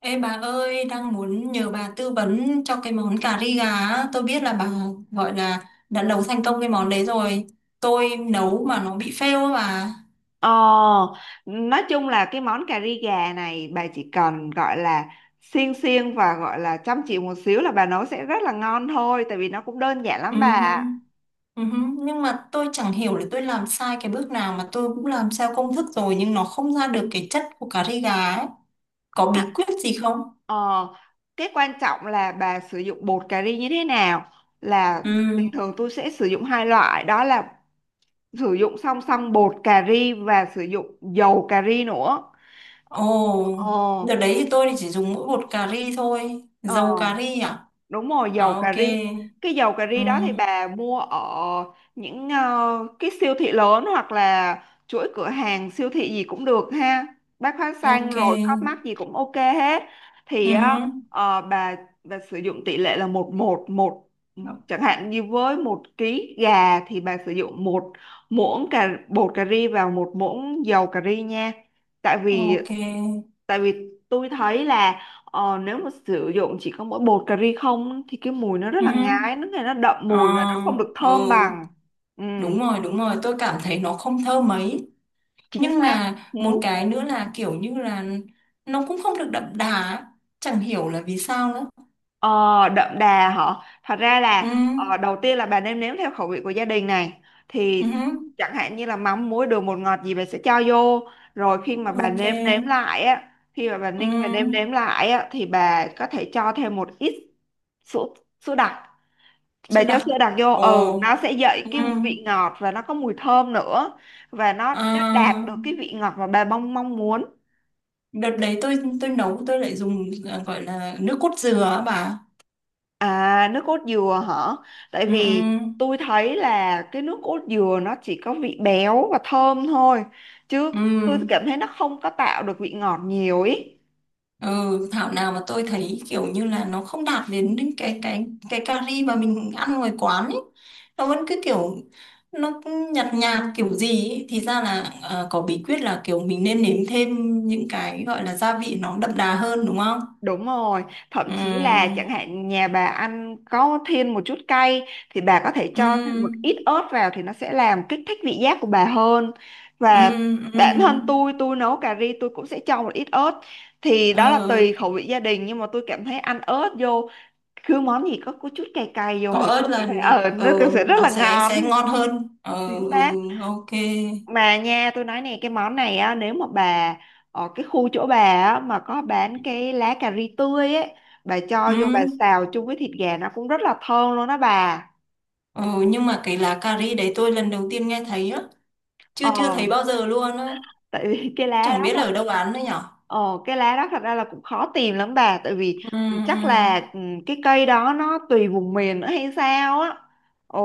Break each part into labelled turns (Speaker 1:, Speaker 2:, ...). Speaker 1: Ê bà ơi, đang muốn nhờ bà tư vấn cho cái món cà ri gà á. Tôi biết là bà gọi là đã nấu thành công cái món đấy rồi. Tôi nấu mà nó bị fail á bà.
Speaker 2: Ờ, nói chung là cái món cà ri gà này bà chỉ cần gọi là xiên xiên và gọi là chăm chỉ một xíu là bà nấu sẽ rất là ngon thôi, tại vì nó cũng đơn giản lắm bà ạ.
Speaker 1: Ừm, Nhưng mà tôi chẳng hiểu là tôi làm sai cái bước nào mà tôi cũng làm theo công thức rồi nhưng nó không ra được cái chất của cà ri gà ấy. Có bí
Speaker 2: À,
Speaker 1: quyết gì không?
Speaker 2: ờ, cái quan trọng là bà sử dụng bột cà ri như thế nào. Là
Speaker 1: Ừm.
Speaker 2: bình thường tôi sẽ sử dụng hai loại, đó là sử dụng song song bột cà ri và sử dụng dầu cà ri nữa.
Speaker 1: Ồ.
Speaker 2: Ờ,
Speaker 1: Đợt đấy thì tôi chỉ dùng mỗi bột cà ri thôi.
Speaker 2: ờ.
Speaker 1: Dầu cà ri à?
Speaker 2: Đúng rồi,
Speaker 1: À,
Speaker 2: dầu
Speaker 1: ok.
Speaker 2: cà ri. Cái dầu cà ri đó thì
Speaker 1: Ừm.
Speaker 2: bà mua ở những cái siêu thị lớn, hoặc là chuỗi cửa hàng siêu thị gì cũng được ha, bách hóa xanh
Speaker 1: Ok.
Speaker 2: rồi Co.op mắc gì cũng ok hết. thì á,
Speaker 1: Ừm.
Speaker 2: ờ, bà bà sử dụng tỷ lệ là một một một, chẳng hạn như với một ký gà thì bà sử dụng một muỗng cà bột cà ri vào một muỗng dầu cà ri nha. tại vì
Speaker 1: Ok.
Speaker 2: tại vì tôi thấy là nếu mà sử dụng chỉ có mỗi bột cà ri không thì cái mùi nó rất
Speaker 1: Ừ.
Speaker 2: là ngái, nó nghe nó đậm mùi và nó
Speaker 1: Ờ,
Speaker 2: không được thơm
Speaker 1: ừ.
Speaker 2: bằng. Ừ,
Speaker 1: Đúng rồi, đúng rồi. Tôi cảm thấy nó không thơm mấy.
Speaker 2: chính
Speaker 1: Nhưng
Speaker 2: xác.
Speaker 1: mà
Speaker 2: Ừ.
Speaker 1: một cái nữa là kiểu như là nó cũng không được đậm đà ấy. Chẳng hiểu là vì sao nữa.
Speaker 2: Ờ, Đậm đà hả? Thật ra
Speaker 1: Ừ.
Speaker 2: là đầu tiên là bà nêm nếm theo khẩu vị của gia đình này, thì
Speaker 1: Ừ.
Speaker 2: chẳng hạn như là mắm muối đường bột ngọt gì bà sẽ cho vô. Rồi khi mà bà
Speaker 1: Ok.
Speaker 2: nêm nếm lại á, khi mà bà
Speaker 1: Ừ.
Speaker 2: ninh và nêm nếm lại á, thì bà có thể cho thêm một ít sữa, sữa đặc. Bà
Speaker 1: Chưa
Speaker 2: cho
Speaker 1: đặc.
Speaker 2: sữa đặc vô, ừ, nó
Speaker 1: Ồ.
Speaker 2: sẽ dậy
Speaker 1: Ừ.
Speaker 2: cái vị ngọt và nó có mùi thơm nữa, và nó đã đạt
Speaker 1: À,
Speaker 2: được cái vị ngọt mà bà mong mong muốn.
Speaker 1: đợt đấy tôi nấu tôi lại dùng gọi là nước cốt dừa á bà.
Speaker 2: À, nước cốt dừa hả? Tại
Speaker 1: Ừ.
Speaker 2: vì
Speaker 1: Ừ.
Speaker 2: tôi thấy là cái nước cốt dừa nó chỉ có vị béo và thơm thôi, chứ tôi
Speaker 1: Ừ.
Speaker 2: cảm thấy nó không có tạo được vị ngọt nhiều ý.
Speaker 1: Ừ, thảo nào mà tôi thấy kiểu như là nó không đạt đến đến cái cà ri mà mình ăn ngoài quán ấy. Nó vẫn cứ kiểu nó cứ nhạt nhạt kiểu gì ấy. Thì ra là có bí quyết là kiểu mình nên nếm thêm những cái gọi là gia vị nó đậm đà hơn đúng không?
Speaker 2: Đúng rồi, thậm chí là
Speaker 1: Ừ.
Speaker 2: chẳng hạn nhà bà ăn có thêm một chút cay thì bà có thể
Speaker 1: Ừ.
Speaker 2: cho thêm một ít ớt vào, thì nó sẽ làm kích thích vị giác của bà hơn. Và
Speaker 1: Ừ.
Speaker 2: bản thân
Speaker 1: Ừ.
Speaker 2: tôi nấu cà ri tôi cũng sẽ cho một ít ớt. Thì đó là
Speaker 1: Ờ,
Speaker 2: tùy khẩu vị gia đình, nhưng mà tôi cảm thấy ăn ớt vô, cứ món gì có chút cay cay vô
Speaker 1: có
Speaker 2: thì tôi
Speaker 1: ớt là
Speaker 2: cảm thấy
Speaker 1: là
Speaker 2: ờ nó cũng sẽ rất
Speaker 1: nó
Speaker 2: là
Speaker 1: sẽ
Speaker 2: ngon.
Speaker 1: ngon hơn. Ờ,
Speaker 2: Chính
Speaker 1: ừ,
Speaker 2: xác.
Speaker 1: ok.
Speaker 2: Mà nha tôi nói này, cái món này á, nếu mà bà ở cái khu chỗ bà á mà có bán cái lá cà ri tươi ấy, bà
Speaker 1: Ừ.
Speaker 2: cho vô bà xào chung với thịt gà nó cũng rất là thơm luôn đó bà.
Speaker 1: Ờ, nhưng mà cái lá cà ri đấy tôi lần đầu tiên nghe thấy á, chưa chưa
Speaker 2: ờ
Speaker 1: thấy bao giờ luôn á,
Speaker 2: Tại vì cái lá
Speaker 1: chẳng
Speaker 2: đó
Speaker 1: biết là
Speaker 2: là,
Speaker 1: ở đâu bán nữa nhở.
Speaker 2: Ờ, cái lá đó thật ra là cũng khó tìm lắm bà. Tại vì
Speaker 1: Ừ.
Speaker 2: chắc là
Speaker 1: Ừ.
Speaker 2: cái cây đó nó tùy vùng miền nữa hay sao á.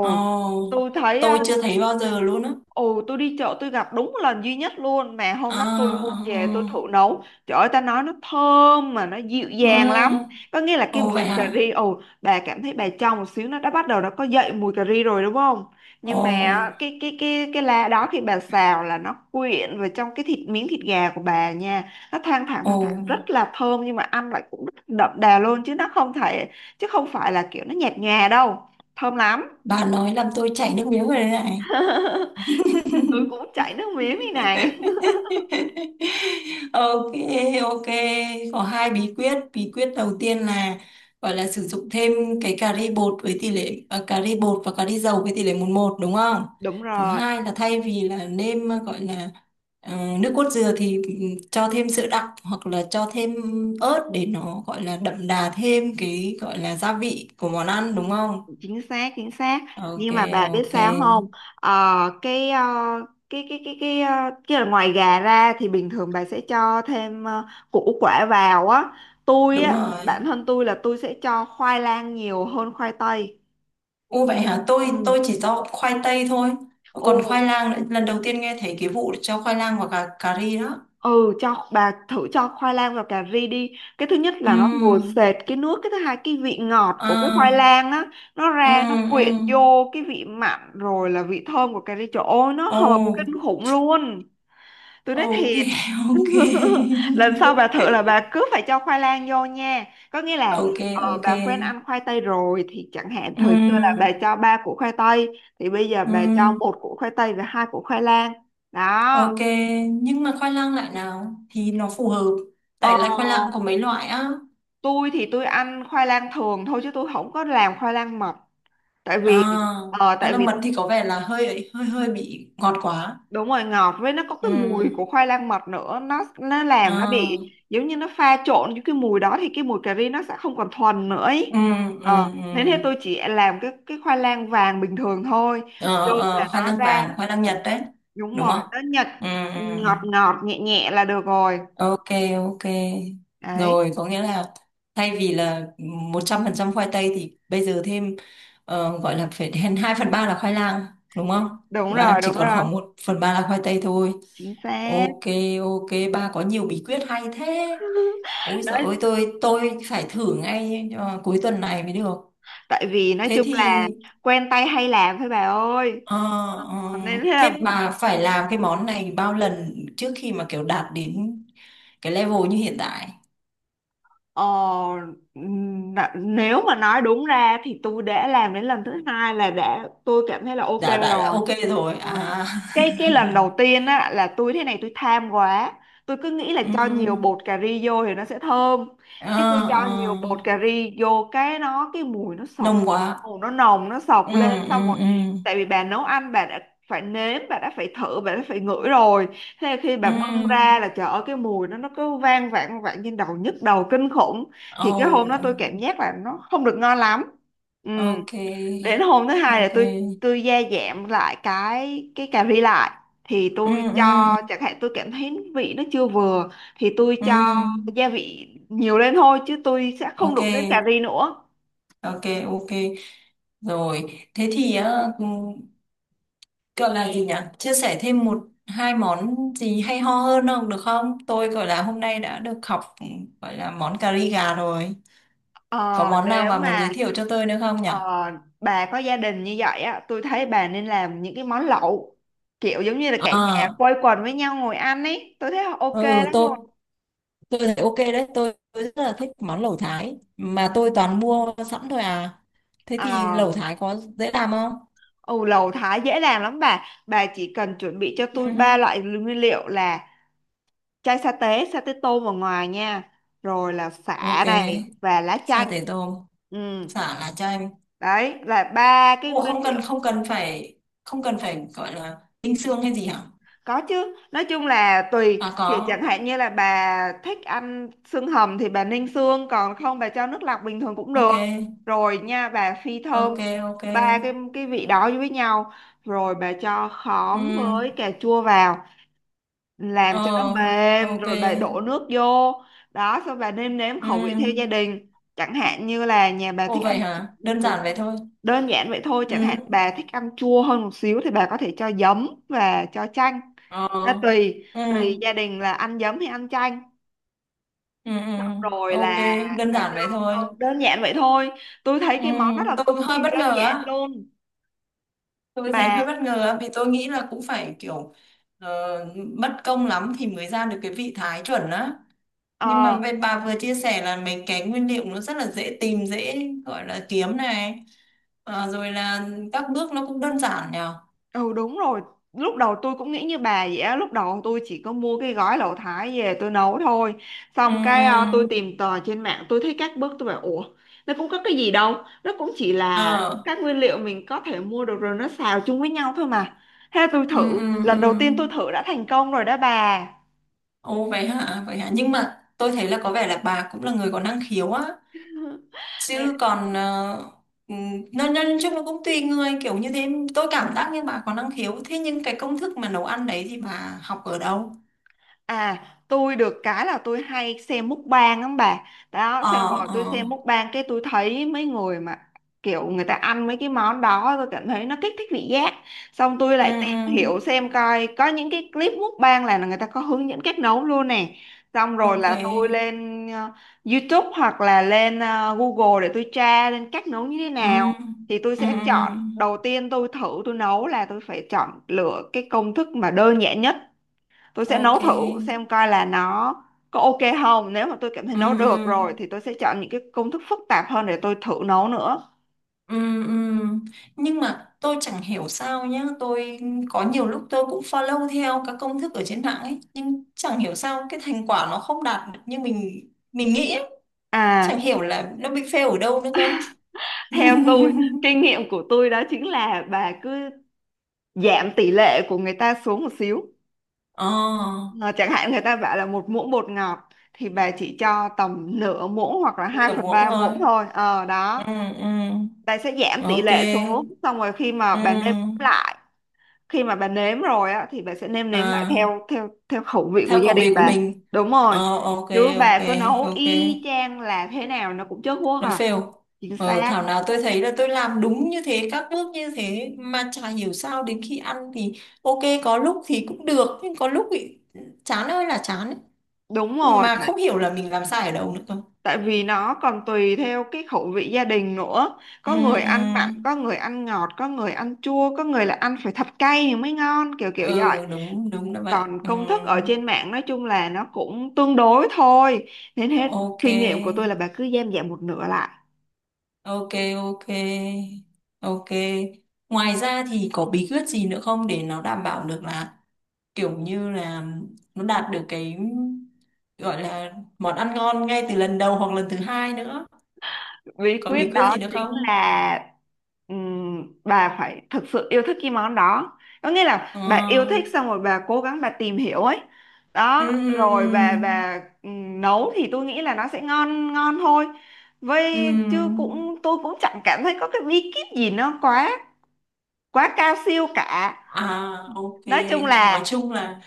Speaker 1: Ồ.
Speaker 2: tôi thấy
Speaker 1: Tôi chưa thấy bao giờ luôn á.
Speaker 2: ồ, tôi đi chợ tôi gặp đúng lần duy nhất luôn. Mà hôm
Speaker 1: À.
Speaker 2: đó tôi mua về tôi thử
Speaker 1: Ừ.
Speaker 2: nấu, trời ơi ta nói nó thơm mà nó dịu dàng lắm.
Speaker 1: Ừ.
Speaker 2: Có nghĩa là cái
Speaker 1: Ồ, vậy
Speaker 2: bột cà
Speaker 1: hả.
Speaker 2: ri, ồ, bà cảm thấy bà trong một xíu nó đã bắt đầu nó có dậy mùi cà ri rồi đúng không. Nhưng
Speaker 1: Ồ.
Speaker 2: mà á, cái lá đó khi bà xào là nó quyện vào trong cái thịt, miếng thịt gà của bà nha, nó
Speaker 1: Ồ.
Speaker 2: thoang thoảng rất là thơm, nhưng mà ăn lại cũng rất đậm đà luôn, chứ nó không thể, chứ không phải là kiểu nó nhạt nhòa đâu, thơm lắm.
Speaker 1: Bà nói làm tôi chảy nước miếng rồi đấy này.
Speaker 2: Tôi cũng chảy nước miếng như này.
Speaker 1: Ok. Ok. Có hai bí quyết. Bí quyết đầu tiên là gọi là sử dụng thêm cái cà ri bột với tỷ lệ cà ri bột và cà ri dầu với tỷ lệ 1-1, đúng không?
Speaker 2: Đúng
Speaker 1: Thứ
Speaker 2: rồi,
Speaker 1: hai là thay vì là nêm gọi là ờ, nước cốt dừa thì cho thêm sữa đặc hoặc là cho thêm ớt để nó gọi là đậm đà thêm cái gọi là gia vị của món ăn, đúng không?
Speaker 2: chính xác, chính xác.
Speaker 1: Ok.
Speaker 2: Nhưng mà bà biết
Speaker 1: Ok.
Speaker 2: sao không? Ờ, ờ, cái ờ, cái là ngoài gà ra thì bình thường bà sẽ cho thêm củ quả vào á. Tôi
Speaker 1: Đúng
Speaker 2: á,
Speaker 1: rồi.
Speaker 2: bản thân tôi là tôi sẽ cho khoai lang nhiều hơn khoai tây.
Speaker 1: Ô, vậy hả? Tôi
Speaker 2: Ừ.
Speaker 1: tôi chỉ cho khoai tây thôi. Còn
Speaker 2: Ồ,
Speaker 1: khoai lang lần đầu tiên nghe thấy cái vụ cho khoai lang và cà cà ri đó.
Speaker 2: ừ cho bà thử cho khoai lang vào cà ri đi. Cái thứ nhất là nó ngồi
Speaker 1: Ừm.
Speaker 2: sệt cái nước, cái thứ hai cái vị ngọt của cái khoai
Speaker 1: À.
Speaker 2: lang á, nó ra nó
Speaker 1: Ừm,
Speaker 2: quyện
Speaker 1: ừm.
Speaker 2: vô cái vị mặn rồi là vị thơm của cà ri, trời ơi nó
Speaker 1: Ồ.
Speaker 2: hợp kinh khủng luôn. Tôi nói
Speaker 1: Ok.
Speaker 2: thiệt.
Speaker 1: Ok.
Speaker 2: Lần sau bà thử là bà cứ phải cho khoai lang vô nha. Có nghĩa là
Speaker 1: Ok, ok.
Speaker 2: bà quen ăn khoai tây rồi thì chẳng hạn thời xưa là
Speaker 1: Ừm,
Speaker 2: bà cho ba củ khoai tây, thì bây giờ bà cho
Speaker 1: ừm.
Speaker 2: một củ khoai tây và hai củ khoai lang đó.
Speaker 1: Ok, nhưng mà khoai lang loại nào thì nó phù hợp?
Speaker 2: Ờ
Speaker 1: Tại là khoai lang có mấy loại á.
Speaker 2: tôi thì tôi ăn khoai lang thường thôi chứ tôi không có làm khoai lang mật. tại
Speaker 1: À,
Speaker 2: vì ờ,
Speaker 1: khoai
Speaker 2: tại
Speaker 1: lang
Speaker 2: vì
Speaker 1: mật thì có vẻ là hơi hơi hơi bị ngọt quá.
Speaker 2: đúng rồi, ngọt với nó có cái mùi
Speaker 1: Ừm.
Speaker 2: của khoai lang mật nữa, nó làm nó bị
Speaker 1: À.
Speaker 2: giống như nó pha trộn với cái mùi đó, thì cái mùi cà ri nó sẽ không còn thuần nữa ý.
Speaker 1: Ừ, ừ,
Speaker 2: Ờ, thế
Speaker 1: ừ.
Speaker 2: nên thế tôi chỉ làm cái khoai lang vàng bình thường thôi, vô
Speaker 1: Ờ,
Speaker 2: là
Speaker 1: ờ, khoai
Speaker 2: nó
Speaker 1: lang
Speaker 2: ra.
Speaker 1: vàng, khoai lang Nhật đấy,
Speaker 2: Đúng
Speaker 1: đúng
Speaker 2: rồi,
Speaker 1: không?
Speaker 2: nó Nhật.
Speaker 1: Ừ, ừ, ừ.
Speaker 2: Ngọt ngọt nhẹ nhẹ là được rồi.
Speaker 1: Ok. Ok.
Speaker 2: Đấy.
Speaker 1: Rồi, có nghĩa là thay vì là 100% khoai tây thì bây giờ thêm gọi là phải đến 2/3 là khoai lang, đúng không?
Speaker 2: Đúng
Speaker 1: Và
Speaker 2: rồi
Speaker 1: chỉ
Speaker 2: đúng
Speaker 1: còn
Speaker 2: rồi,
Speaker 1: khoảng 1/3 là khoai tây thôi.
Speaker 2: chính xác.
Speaker 1: Ok. Ok. Ba có nhiều bí quyết hay thế. Ôi giời
Speaker 2: Đấy,
Speaker 1: ơi, tôi phải thử ngay cuối tuần này mới được.
Speaker 2: tại vì nói
Speaker 1: Thế
Speaker 2: chung
Speaker 1: thì.
Speaker 2: là quen tay hay làm thôi bà ơi.
Speaker 1: Ờ, ờ.
Speaker 2: Ờ, nên thế là,
Speaker 1: Thế bà phải làm cái món này bao lần trước khi mà kiểu đạt đến cái level như hiện tại?
Speaker 2: Ờ, n- nếu mà nói đúng ra thì tôi đã làm đến lần thứ hai là đã tôi cảm thấy là ok
Speaker 1: Đã
Speaker 2: rồi.
Speaker 1: ok rồi.
Speaker 2: Ờ.
Speaker 1: À.
Speaker 2: Cái lần đầu tiên á là tôi thế này, tôi tham quá. Tôi cứ nghĩ là
Speaker 1: Ừ.
Speaker 2: cho nhiều bột cà ri vô thì nó sẽ thơm.
Speaker 1: Ờ,
Speaker 2: Cái tôi cho nhiều
Speaker 1: ờ.
Speaker 2: bột cà ri vô cái nó cái mùi nó sộc.
Speaker 1: Nồng quá.
Speaker 2: Mùi nó nồng nó sộc
Speaker 1: Ừ,
Speaker 2: lên xong
Speaker 1: ừ,
Speaker 2: rồi,
Speaker 1: ừ.
Speaker 2: tại vì bà nấu ăn bà đã phải nếm, bà đã phải thử, bà đã phải ngửi rồi. Thế là khi bà
Speaker 1: Ừ.
Speaker 2: bưng ra là trời ơi cái mùi nó cứ vang vẳng vẳng trên đầu, nhức đầu kinh khủng. Thì cái hôm đó tôi
Speaker 1: Oh.
Speaker 2: cảm giác là nó không được ngon lắm. Ừ.
Speaker 1: Ok.
Speaker 2: Đến hôm thứ hai là
Speaker 1: Ok.
Speaker 2: tôi gia giảm lại cái cà ri lại, thì
Speaker 1: Ừ,
Speaker 2: tôi cho,
Speaker 1: ừ,
Speaker 2: chẳng hạn tôi cảm thấy vị nó chưa vừa thì tôi
Speaker 1: ừ.
Speaker 2: cho gia vị nhiều lên thôi chứ tôi sẽ không
Speaker 1: Ok.
Speaker 2: đụng đến cà ri nữa.
Speaker 1: Ok, ok. Rồi, thế thì á, ừ, gọi là gì nhỉ, chia sẻ thêm một hai món gì hay ho hơn không được không, tôi gọi là hôm nay đã được học, gọi là món cà ri gà rồi, có
Speaker 2: Ờ,
Speaker 1: món nào
Speaker 2: nếu
Speaker 1: mà muốn giới
Speaker 2: mà
Speaker 1: thiệu cho tôi nữa không nhỉ?
Speaker 2: ờ, bà có gia đình như vậy á, tôi thấy bà nên làm những cái món lẩu, kiểu giống như là cả nhà
Speaker 1: À.
Speaker 2: quây quần với nhau ngồi ăn ấy, tôi thấy ok
Speaker 1: Ừ.
Speaker 2: lắm
Speaker 1: tôi
Speaker 2: luôn.
Speaker 1: tôi thấy ok đấy. Tôi rất là thích món lẩu thái mà tôi toàn mua sẵn thôi à. Thế thì
Speaker 2: Ờ,
Speaker 1: lẩu thái có dễ làm không?
Speaker 2: ừ, Lẩu Thái dễ làm lắm bà. Bà chỉ cần chuẩn bị cho
Speaker 1: Ừ,
Speaker 2: tôi ba loại nguyên liệu, là chai sa tế tôm ở ngoài nha, rồi là sả
Speaker 1: ok.
Speaker 2: này và lá
Speaker 1: Sa
Speaker 2: chanh.
Speaker 1: tế tôm.
Speaker 2: Ừ,
Speaker 1: Xả là cho em.
Speaker 2: đấy là ba cái
Speaker 1: Ủa,
Speaker 2: nguyên liệu.
Speaker 1: không cần phải gọi là tinh xương hay gì hả?
Speaker 2: Có chứ, nói chung là tùy
Speaker 1: À,
Speaker 2: kiểu, chẳng
Speaker 1: có.
Speaker 2: hạn như là bà thích ăn xương hầm thì bà ninh xương, còn không bà cho nước lọc bình thường cũng được.
Speaker 1: Ok.
Speaker 2: Rồi nha, bà phi thơm
Speaker 1: Ok. Ok.
Speaker 2: ba cái vị đó với nhau, rồi bà cho
Speaker 1: Ừ.
Speaker 2: khóm với cà chua vào làm
Speaker 1: Ờ.
Speaker 2: cho nó mềm,
Speaker 1: Ok.
Speaker 2: rồi bà đổ nước vô đó. Xong bà nêm nếm
Speaker 1: Ừ.
Speaker 2: khẩu vị theo gia đình, chẳng hạn như là nhà bà thích
Speaker 1: Ồ, vậy
Speaker 2: ăn
Speaker 1: hả,
Speaker 2: ừ,
Speaker 1: đơn giản
Speaker 2: đúng
Speaker 1: vậy
Speaker 2: rồi.
Speaker 1: thôi?
Speaker 2: Đơn giản vậy thôi,
Speaker 1: Ừ.
Speaker 2: chẳng hạn bà thích ăn chua hơn một xíu thì bà có thể cho giấm và cho chanh.
Speaker 1: Ờ.
Speaker 2: Đó, tùy
Speaker 1: Ừ,
Speaker 2: tùy gia đình là ăn giấm hay ăn chanh.
Speaker 1: ừ, ừ.
Speaker 2: Xong rồi
Speaker 1: Ok,
Speaker 2: là
Speaker 1: đơn
Speaker 2: bà
Speaker 1: giản
Speaker 2: cho,
Speaker 1: vậy thôi.
Speaker 2: ừ, đơn giản vậy thôi. Tôi thấy
Speaker 1: Ừ,
Speaker 2: cái món rất là cực
Speaker 1: tôi
Speaker 2: kỳ
Speaker 1: hơi bất
Speaker 2: đơn
Speaker 1: ngờ
Speaker 2: giản
Speaker 1: á,
Speaker 2: luôn
Speaker 1: tôi thấy hơi
Speaker 2: mà.
Speaker 1: bất ngờ á, vì tôi nghĩ là cũng phải kiểu ờ, mất công lắm thì mới ra được cái vị thái chuẩn á. Nhưng mà
Speaker 2: ờ,
Speaker 1: bên bà vừa chia sẻ là mấy cái nguyên liệu nó rất là dễ tìm, dễ gọi là kiếm này. Ờ, rồi là các bước nó cũng đơn giản nhờ.
Speaker 2: Ừ đúng rồi. Lúc đầu tôi cũng nghĩ như bà vậy á. Lúc đầu tôi chỉ có mua cái gói lẩu Thái về tôi nấu thôi.
Speaker 1: Ừ,
Speaker 2: Xong cái tôi
Speaker 1: ừ.
Speaker 2: tìm tòi trên mạng, tôi thấy các bước tôi bảo ủa nó cũng có cái gì đâu. Nó cũng chỉ là
Speaker 1: Ờ,
Speaker 2: các nguyên liệu mình có thể mua được rồi, nó xào chung với nhau thôi mà. Thế tôi
Speaker 1: ừ,
Speaker 2: thử.
Speaker 1: ừ,
Speaker 2: Lần đầu
Speaker 1: ừ.
Speaker 2: tiên tôi thử đã thành công rồi đó bà.
Speaker 1: Ồ, vậy hả, vậy hả. Nhưng mà tôi thấy là có vẻ là bà cũng là người có năng khiếu á. Chứ còn ừ, nó nói chung nó cũng tùy người kiểu như thế. Tôi cảm giác như bà có năng khiếu. Thế nhưng cái công thức mà nấu ăn đấy thì bà học ở đâu?
Speaker 2: À, tôi được cái là tôi hay xem mukbang lắm bà. Đó, xem
Speaker 1: Ờ,
Speaker 2: rồi
Speaker 1: ờ.
Speaker 2: tôi xem mukbang cái tôi thấy mấy người mà kiểu người ta ăn mấy cái món đó tôi cảm thấy nó kích thích vị giác. Xong tôi
Speaker 1: Ừ,
Speaker 2: lại tìm hiểu
Speaker 1: ừ.
Speaker 2: xem coi có những cái clip mukbang là người ta có hướng dẫn cách nấu luôn nè. Xong rồi
Speaker 1: Ok.
Speaker 2: là tôi lên YouTube hoặc là lên Google để tôi tra lên cách nấu như thế
Speaker 1: Ừ,
Speaker 2: nào. Thì tôi
Speaker 1: ừ,
Speaker 2: sẽ
Speaker 1: ừ.
Speaker 2: chọn, đầu tiên tôi thử tôi nấu là tôi phải chọn lựa cái công thức mà đơn giản nhất, tôi sẽ nấu
Speaker 1: Ok.
Speaker 2: thử xem coi là nó có ok không. Nếu mà tôi cảm thấy nấu được
Speaker 1: Ừ,
Speaker 2: rồi thì tôi sẽ chọn những cái công thức phức tạp hơn để tôi thử nấu nữa.
Speaker 1: ừ, ừ, ừ. Nhưng mà tôi chẳng hiểu sao nhá, tôi có nhiều lúc tôi cũng follow theo các công thức ở trên mạng ấy, nhưng chẳng hiểu sao cái thành quả nó không đạt được như mình nghĩ ấy.
Speaker 2: À,
Speaker 1: Chẳng hiểu là nó bị fail ở đâu nữa cơ.
Speaker 2: theo tôi, kinh nghiệm của tôi đó chính là bà cứ giảm tỷ lệ của người ta xuống một xíu.
Speaker 1: Ờ,
Speaker 2: Ờ, chẳng hạn người ta bảo là một muỗng bột ngọt, thì bà chỉ cho tầm nửa muỗng hoặc là 2
Speaker 1: nửa
Speaker 2: phần
Speaker 1: muỗng
Speaker 2: 3
Speaker 1: thôi.
Speaker 2: muỗng thôi, ờ
Speaker 1: Ừ.
Speaker 2: đó.
Speaker 1: Ừ.
Speaker 2: Bà sẽ giảm tỷ
Speaker 1: Ok.
Speaker 2: lệ xuống, xong rồi khi mà bà nêm
Speaker 1: Ừ.
Speaker 2: lại, khi mà bà nếm rồi á thì bà sẽ nêm nếm lại
Speaker 1: À,
Speaker 2: theo theo theo khẩu vị của
Speaker 1: theo
Speaker 2: gia
Speaker 1: khẩu vị
Speaker 2: đình
Speaker 1: của
Speaker 2: bà.
Speaker 1: mình.
Speaker 2: Đúng rồi,
Speaker 1: Ờ, ok.
Speaker 2: chứ
Speaker 1: Ok.
Speaker 2: bà cứ nấu
Speaker 1: Ok.
Speaker 2: y chang là thế nào nó cũng chớt guốc
Speaker 1: Nó
Speaker 2: à.
Speaker 1: fail.
Speaker 2: Chính
Speaker 1: Thảo
Speaker 2: xác.
Speaker 1: nào tôi thấy là tôi làm đúng như thế, các bước như thế mà chả hiểu sao đến khi ăn thì ok, có lúc thì cũng được nhưng có lúc thì chán ơi là chán ấy.
Speaker 2: Đúng rồi,
Speaker 1: Mà không hiểu là mình làm sai ở đâu nữa cơ.
Speaker 2: tại vì nó còn tùy theo cái khẩu vị gia đình nữa,
Speaker 1: Ừ,
Speaker 2: có người
Speaker 1: ừ.
Speaker 2: ăn mặn có người ăn ngọt có người ăn chua có người là ăn phải thật cay thì mới ngon, kiểu kiểu vậy.
Speaker 1: Ừ, đúng đúng là vậy.
Speaker 2: Còn
Speaker 1: Ừ,
Speaker 2: công thức ở trên mạng nói chung là nó cũng tương đối thôi, nên hết.
Speaker 1: ok.
Speaker 2: Kinh nghiệm của tôi là bà cứ giảm giảm một nửa lại.
Speaker 1: Ok, ok, ok. Ngoài ra thì có bí quyết gì nữa không để nó đảm bảo được là kiểu như là nó đạt được cái gọi là món ăn ngon ngay từ lần đầu hoặc lần thứ hai nữa?
Speaker 2: Bí
Speaker 1: Có bí
Speaker 2: quyết
Speaker 1: quyết
Speaker 2: đó
Speaker 1: gì nữa
Speaker 2: chính
Speaker 1: không?
Speaker 2: là, bà phải thực sự yêu thích cái món đó, có nghĩa là bà yêu thích
Speaker 1: À,
Speaker 2: xong rồi bà cố gắng bà tìm hiểu ấy.
Speaker 1: ừ,
Speaker 2: Đó rồi bà
Speaker 1: ừ,
Speaker 2: bà nấu thì tôi nghĩ là nó sẽ ngon ngon thôi.
Speaker 1: ừ,
Speaker 2: Vậy chứ
Speaker 1: ừ.
Speaker 2: cũng tôi cũng chẳng cảm thấy có cái bí kíp gì nó quá quá cao siêu cả.
Speaker 1: À, ok.
Speaker 2: Nói chung
Speaker 1: Nói
Speaker 2: là
Speaker 1: chung là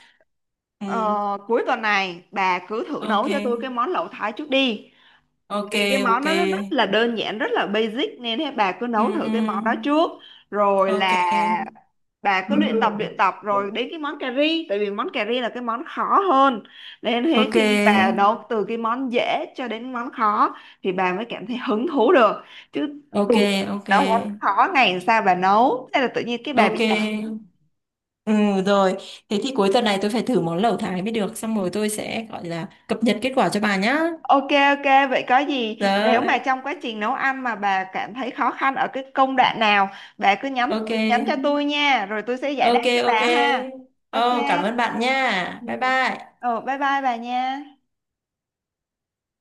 Speaker 1: ừ,
Speaker 2: ờ, cuối tuần này bà cứ thử
Speaker 1: ok,
Speaker 2: nấu cho tôi cái món lẩu Thái trước đi,
Speaker 1: ok,
Speaker 2: vì cái món
Speaker 1: ok.
Speaker 2: nó rất là đơn giản rất là basic, nên thế bà cứ
Speaker 1: Ừ,
Speaker 2: nấu thử cái
Speaker 1: ừ,
Speaker 2: món đó trước. Rồi
Speaker 1: ok.
Speaker 2: là bà cứ
Speaker 1: Ừ.
Speaker 2: luyện tập rồi đến cái món cà ri, tại vì món cà ri là cái món khó hơn, nên thế
Speaker 1: Ok.
Speaker 2: khi bà nấu từ cái món dễ cho đến món khó thì bà mới cảm thấy hứng thú được. Chứ
Speaker 1: Ok,
Speaker 2: đùng
Speaker 1: ok,
Speaker 2: nấu món khó ngày, làm sao bà nấu, thế là tự nhiên cái bà bị.
Speaker 1: ok. Ừ, rồi, thế thì cuối tuần này tôi phải thử món lẩu Thái mới được, xong rồi tôi sẽ gọi là cập nhật kết quả cho bà nhá.
Speaker 2: Ok ok, vậy có gì nếu mà
Speaker 1: Rồi.
Speaker 2: trong quá trình nấu ăn mà bà cảm thấy khó khăn ở cái công đoạn nào, bà cứ nhắn
Speaker 1: Ok.
Speaker 2: nhắn cho tôi nha, rồi tôi sẽ giải đáp
Speaker 1: Ok.
Speaker 2: cho
Speaker 1: Ok.
Speaker 2: bà ha. Ok.
Speaker 1: Oh, cảm ơn bạn nha,
Speaker 2: Ừ.
Speaker 1: bye bye.
Speaker 2: Ờ, bye bye bà nha.